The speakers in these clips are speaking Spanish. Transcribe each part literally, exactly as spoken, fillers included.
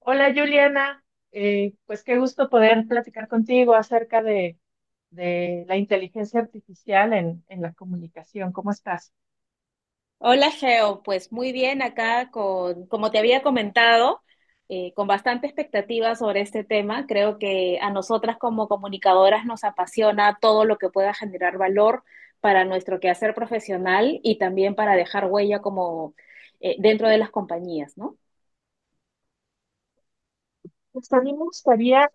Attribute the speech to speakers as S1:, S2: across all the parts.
S1: Hola, Juliana. Eh, pues qué gusto poder platicar contigo acerca de, de la inteligencia artificial en, en la comunicación. ¿Cómo estás?
S2: Hola, Geo. Pues muy bien acá con, como te había comentado, eh, con bastante expectativa sobre este tema. Creo que a nosotras como comunicadoras nos apasiona todo lo que pueda generar valor para nuestro quehacer profesional y también para dejar huella como eh, dentro de las compañías, ¿no?
S1: Pues a mí me gustaría,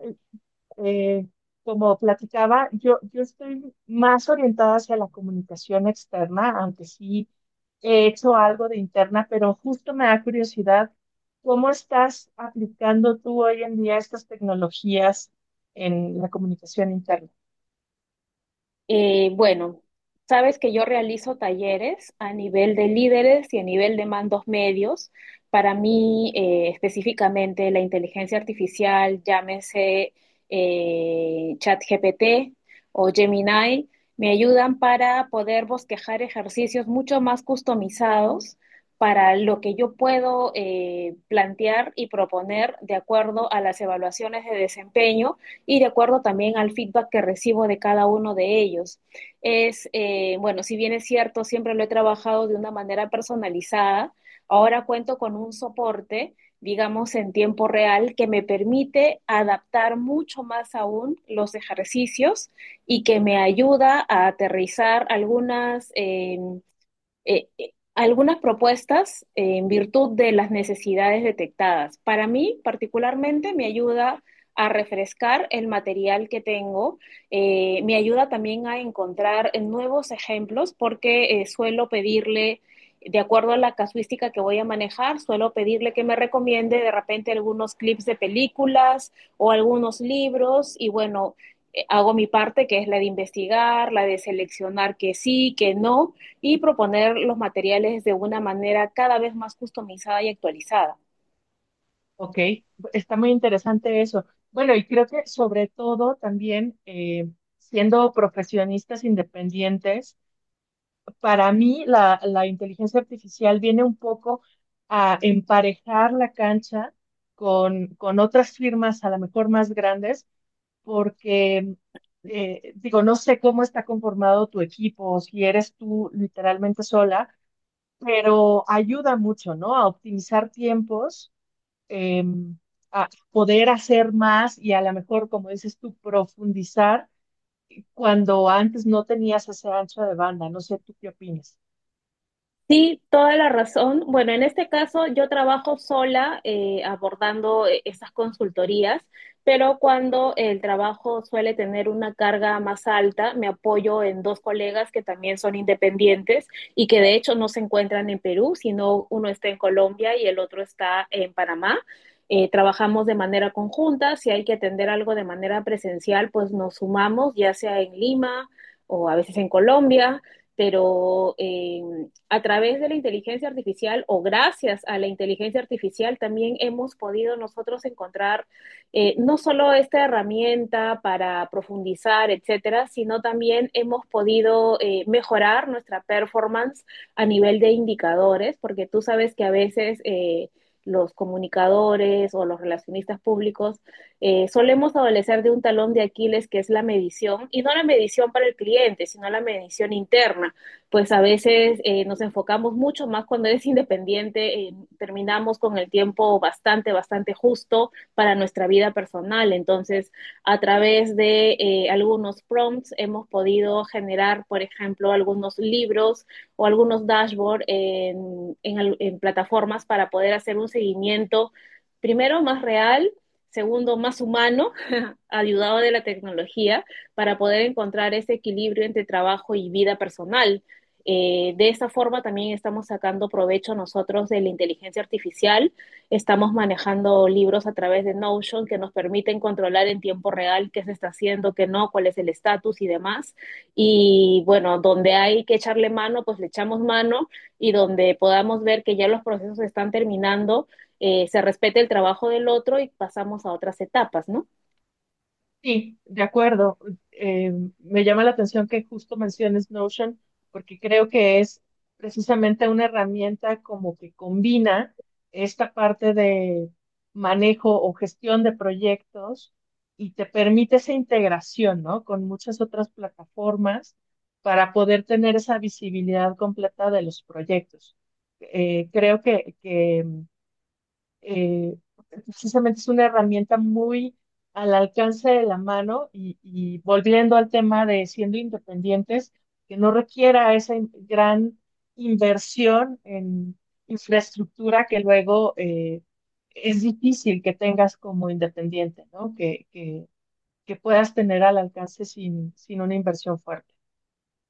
S1: eh, como platicaba, yo, yo estoy más orientada hacia la comunicación externa, aunque sí he hecho algo de interna, pero justo me da curiosidad cómo estás aplicando tú hoy en día estas tecnologías en la comunicación interna.
S2: Eh, bueno, sabes que yo realizo talleres a nivel de líderes y a nivel de mandos medios. Para mí, eh, específicamente, la inteligencia artificial, llámese eh, ChatGPT o Gemini, me ayudan para poder bosquejar ejercicios mucho más customizados para lo que yo puedo eh, plantear y proponer de acuerdo a las evaluaciones de desempeño y de acuerdo también al feedback que recibo de cada uno de ellos. Es, eh, bueno, si bien es cierto, siempre lo he trabajado de una manera personalizada, ahora cuento con un soporte, digamos, en tiempo real, que me permite adaptar mucho más aún los ejercicios y que me ayuda a aterrizar algunas eh, eh, eh, algunas propuestas eh, en virtud de las necesidades detectadas. Para mí, particularmente, me ayuda a refrescar el material que tengo, eh, me ayuda también a encontrar nuevos ejemplos porque eh, suelo pedirle, de acuerdo a la casuística que voy a manejar, suelo pedirle que me recomiende de repente algunos clips de películas o algunos libros y bueno, eh, hago mi parte, que es la de investigar, la de seleccionar que sí, que no, y proponer los materiales de una manera cada vez más customizada y actualizada.
S1: Ok, está muy interesante eso. Bueno, y creo que sobre todo también eh, siendo profesionistas independientes, para mí la, la inteligencia artificial viene un poco a emparejar la cancha con, con otras firmas a lo mejor más grandes, porque eh, digo, no sé cómo está conformado tu equipo, si eres tú literalmente sola, pero ayuda mucho, ¿no? A optimizar tiempos eh, a poder hacer más y a lo mejor, como dices tú, profundizar cuando antes no tenías esa ancha de banda. No sé, ¿tú qué opinas?
S2: Sí, toda la razón. Bueno, en este caso yo trabajo sola eh, abordando eh, esas consultorías, pero cuando el trabajo suele tener una carga más alta, me apoyo en dos colegas que también son independientes y que de hecho no se encuentran en Perú, sino uno está en Colombia y el otro está en Panamá. Eh, trabajamos de manera conjunta, si hay que atender algo de manera presencial, pues nos sumamos, ya sea en Lima o a veces en Colombia, pero eh, a través de la inteligencia artificial o gracias a la inteligencia artificial también hemos podido nosotros encontrar, eh, no solo esta herramienta para profundizar, etcétera, sino también hemos podido eh, mejorar nuestra performance a nivel de indicadores, porque tú sabes que a veces... Eh, los comunicadores o los relacionistas públicos, eh, solemos adolecer de un talón de Aquiles que es la medición, y no la medición para el cliente, sino la medición interna, pues a veces eh, nos enfocamos mucho más cuando eres independiente, eh, terminamos con el tiempo bastante, bastante justo para nuestra vida personal. Entonces, a través de eh, algunos prompts hemos podido generar, por ejemplo, algunos libros o algunos dashboards en, en, en plataformas para poder hacer un seguimiento, primero, más real, segundo, más humano, ayudado de la tecnología, para poder encontrar ese equilibrio entre trabajo y vida personal. Eh, de esa forma también estamos sacando provecho nosotros de la inteligencia artificial. Estamos manejando libros a través de Notion que nos permiten controlar en tiempo real qué se está haciendo, qué no, cuál es el estatus y demás. Y bueno, donde hay que echarle mano, pues le echamos mano, y donde podamos ver que ya los procesos están terminando, eh, se respete el trabajo del otro y pasamos a otras etapas, ¿no?
S1: Sí, de acuerdo. Eh, Me llama la atención que justo menciones Notion, porque creo que es precisamente una herramienta como que combina esta parte de manejo o gestión de proyectos y te permite esa integración, ¿no? Con muchas otras plataformas para poder tener esa visibilidad completa de los proyectos. Eh, creo que, que eh, precisamente es una herramienta muy al alcance de la mano y, y volviendo al tema de siendo independientes, que no requiera esa in- gran inversión en infraestructura que luego eh, es difícil que tengas como independiente, ¿no? Que, que, que puedas tener al alcance sin, sin una inversión fuerte.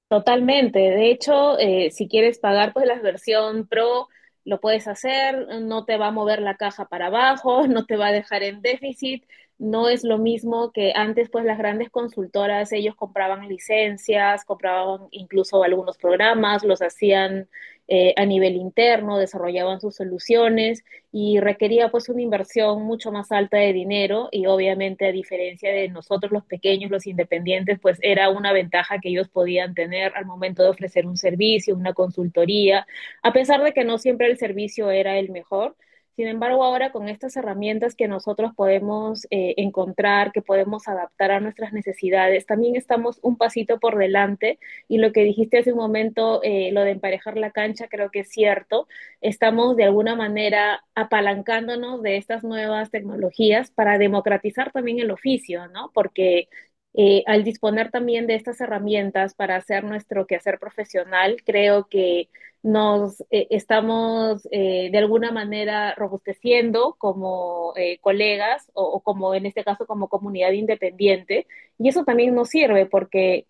S2: Totalmente. De hecho, eh, si quieres pagar pues la versión Pro, lo puedes hacer, no te va a mover la caja para abajo, no te va a dejar en déficit. No es lo mismo que antes, pues las grandes consultoras, ellos compraban licencias, compraban incluso algunos programas, los hacían eh, a nivel interno, desarrollaban sus soluciones y requería pues una inversión mucho más alta de dinero y obviamente a diferencia de nosotros los pequeños, los independientes, pues era una ventaja que ellos podían tener al momento de ofrecer un servicio, una consultoría, a pesar de que no siempre el servicio era el mejor. Sin embargo, ahora con estas herramientas que nosotros podemos eh, encontrar, que podemos adaptar a nuestras necesidades, también estamos un pasito por delante, y lo que dijiste hace un momento, eh, lo de emparejar la cancha, creo que es cierto. Estamos de alguna manera apalancándonos de estas nuevas tecnologías para democratizar también el oficio, ¿no? Porque eh, al disponer también de estas herramientas para hacer nuestro quehacer profesional, creo que nos eh, estamos eh, de alguna manera robusteciendo como eh, colegas o, o, como en este caso como comunidad independiente, y eso también nos sirve porque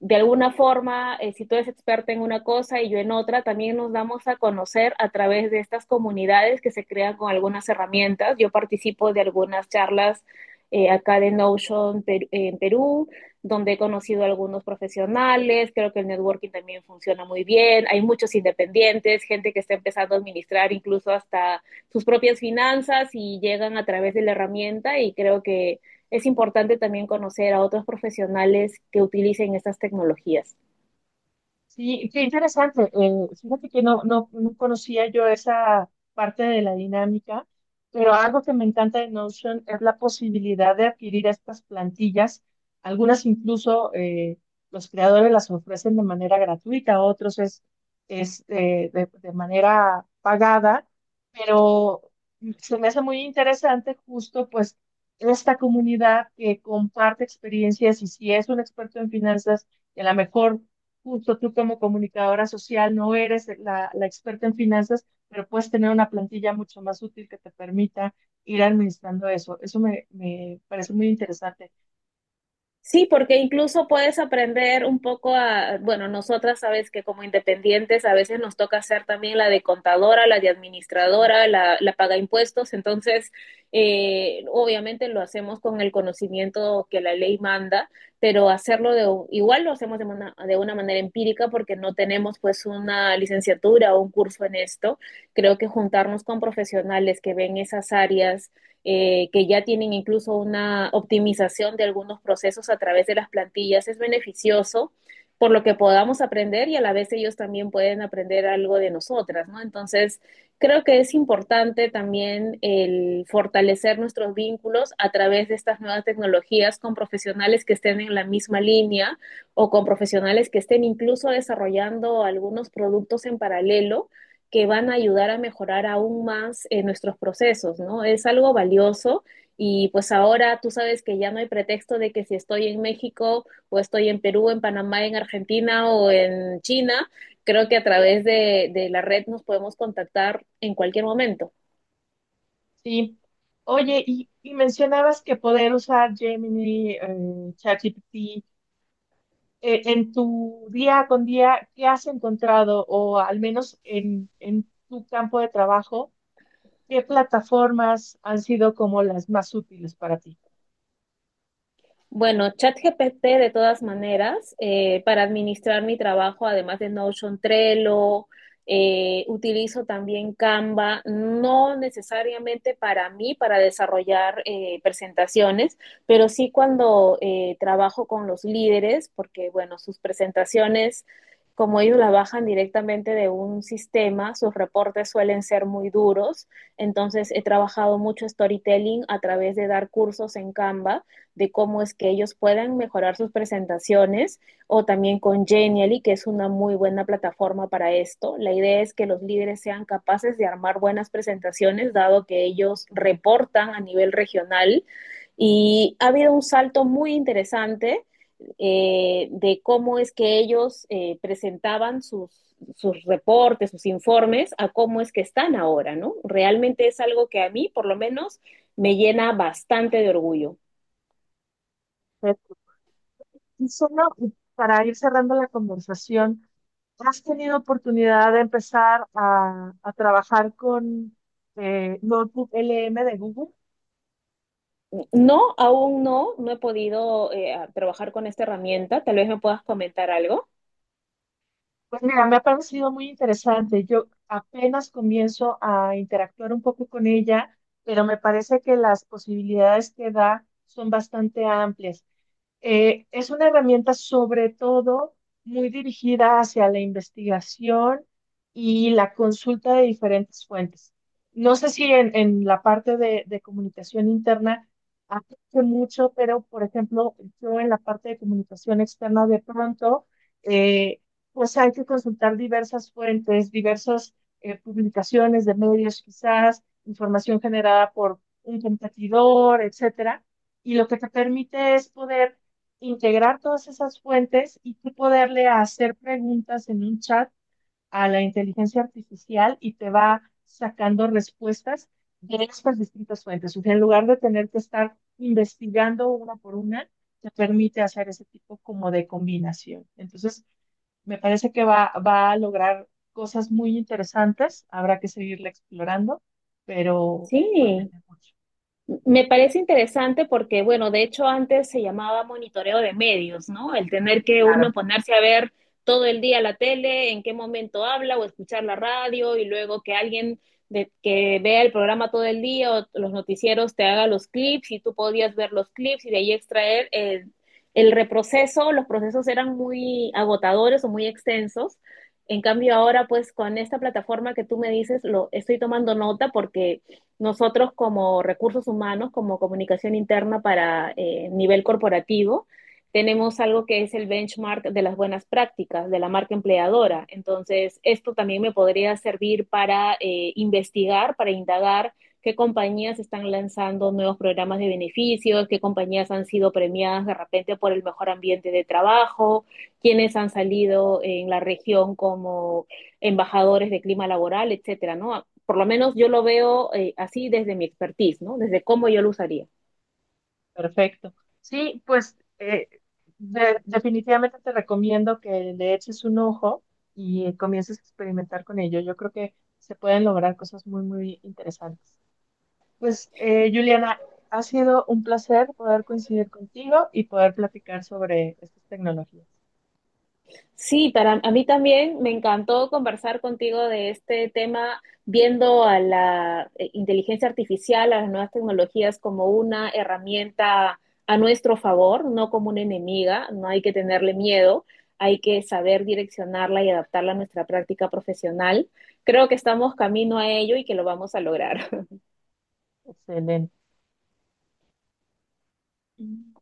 S2: de alguna forma, eh, si tú eres experta en una cosa y yo en otra, también nos damos a conocer a través de estas comunidades que se crean con algunas herramientas. Yo participo de algunas charlas eh, acá de Notion per en Perú, donde he conocido a algunos profesionales, creo que el networking también funciona muy bien, hay muchos independientes, gente que está empezando a administrar incluso hasta sus propias finanzas y llegan a través de la herramienta y creo que es importante también conocer a otros profesionales que utilicen estas tecnologías.
S1: Sí, qué interesante. Eh, fíjate que no, no, no conocía yo esa parte de la dinámica, pero algo que me encanta de Notion es la posibilidad de adquirir estas plantillas. Algunas incluso eh, los creadores las ofrecen de manera gratuita, otros es, es eh, de, de manera pagada, pero se me hace muy interesante justo pues esta comunidad que comparte experiencias y si es un experto en finanzas, y a lo mejor justo tú como comunicadora social no eres la, la experta en finanzas, pero puedes tener una plantilla mucho más útil que te permita ir administrando eso. Eso me, me parece muy interesante.
S2: Sí, porque incluso puedes aprender un poco a, bueno, nosotras sabes que como independientes a veces nos toca hacer también la de contadora, la de
S1: Sí,
S2: administradora, la, la paga impuestos, entonces eh, obviamente lo hacemos con el conocimiento que la ley manda, pero hacerlo de, igual lo hacemos de una, de una manera empírica porque no tenemos pues una licenciatura o un curso en esto. Creo que juntarnos con profesionales que ven esas áreas, eh, que ya tienen incluso una optimización de algunos procesos a través de las plantillas, es beneficioso por lo que podamos aprender y a la vez ellos también pueden aprender algo de nosotras, ¿no? Entonces, creo que es importante también el fortalecer nuestros vínculos a través de estas nuevas tecnologías con profesionales que estén en la misma línea o con profesionales que estén incluso desarrollando algunos productos en paralelo que van a ayudar a mejorar aún más eh, nuestros procesos, ¿no? Es algo valioso y pues ahora tú sabes que ya no hay pretexto de que si estoy en México o estoy en Perú, en Panamá, en Argentina o en China, creo que a través de, de la red nos podemos contactar en cualquier momento.
S1: sí. Oye, y, y mencionabas que poder usar Gemini, eh, ChatGPT, eh, en tu día con día, ¿qué has encontrado? O al menos en, en tu campo de trabajo, ¿qué plataformas han sido como las más útiles para ti?
S2: Bueno, ChatGPT de todas maneras, eh, para administrar mi trabajo, además de Notion, Trello, eh, utilizo también Canva, no necesariamente para mí, para desarrollar eh, presentaciones, pero sí cuando eh, trabajo con los líderes, porque bueno, sus presentaciones, como ellos las bajan directamente de un sistema, sus reportes suelen ser muy duros, entonces he trabajado mucho storytelling a través de dar cursos en Canva de cómo es que ellos puedan mejorar sus presentaciones o también con Genially, que es una muy buena plataforma para esto. La idea es que los líderes sean capaces de armar buenas presentaciones, dado que ellos reportan a nivel regional. Y ha habido un salto muy interesante eh, de cómo es que ellos eh, presentaban sus, sus reportes, sus informes, a cómo es que están ahora, ¿no? Realmente es algo que a mí, por lo menos, me llena bastante de orgullo.
S1: Y solo para ir cerrando la conversación, ¿has tenido oportunidad de empezar a, a trabajar con eh, Notebook L M de Google?
S2: No, aún no, no he podido eh, a- trabajar con esta herramienta. Tal vez me puedas comentar algo.
S1: Pues mira, me ha parecido muy interesante. Yo apenas comienzo a interactuar un poco con ella, pero me parece que las posibilidades que da son bastante amplias. Eh, es una herramienta sobre todo muy dirigida hacia la investigación y la consulta de diferentes fuentes. No sé si en, en la parte de, de comunicación interna aplique mucho, pero por ejemplo, yo en la parte de comunicación externa de pronto, eh, pues hay que consultar diversas fuentes, diversas eh, publicaciones de medios quizás, información generada por un competidor, etcétera. Y lo que te permite es poder integrar todas esas fuentes y tú poderle hacer preguntas en un chat a la inteligencia artificial y te va sacando respuestas de estas distintas fuentes. O sea, en lugar de tener que estar investigando una por una, te permite hacer ese tipo como de combinación. Entonces, me parece que va, va a lograr cosas muy interesantes. Habrá que seguirla explorando, pero
S2: Sí,
S1: promete mucho.
S2: me parece interesante porque, bueno, de hecho antes se llamaba monitoreo de medios, ¿no? El tener que uno
S1: Claro.
S2: ponerse a ver todo el día la tele, en qué momento habla o escuchar la radio y luego que alguien de, que vea el programa todo el día o los noticieros te haga los clips y tú podías ver los clips y de ahí extraer el, el reproceso. Los procesos eran muy agotadores o muy extensos. En cambio ahora pues con esta plataforma que tú me dices, lo estoy tomando nota porque nosotros como recursos humanos, como comunicación interna para eh, nivel corporativo, tenemos algo que es el benchmark de las buenas prácticas de la marca empleadora. Entonces, esto también me podría servir para eh, investigar, para indagar qué compañías están lanzando nuevos programas de beneficios, qué compañías han sido premiadas de repente por el mejor ambiente de trabajo, quiénes han salido en la región como embajadores de clima laboral, etcétera, ¿no? Por lo menos yo lo veo eh, así desde mi expertise, ¿no? Desde cómo yo lo usaría.
S1: Perfecto. Sí, pues eh, de- definitivamente te recomiendo que le eches un ojo y eh, comiences a experimentar con ello. Yo creo que se pueden lograr cosas muy, muy interesantes. Pues, eh, Juliana, ha sido un placer poder coincidir contigo y poder platicar sobre estas tecnologías.
S2: Sí, para a mí también me encantó conversar contigo de este tema, viendo a la eh, inteligencia artificial, a las nuevas tecnologías como una herramienta a nuestro favor, no como una enemiga, no hay que tenerle miedo, hay que saber direccionarla y adaptarla a nuestra práctica profesional. Creo que estamos camino a ello y que lo vamos a lograr.
S1: Excelente. Mm.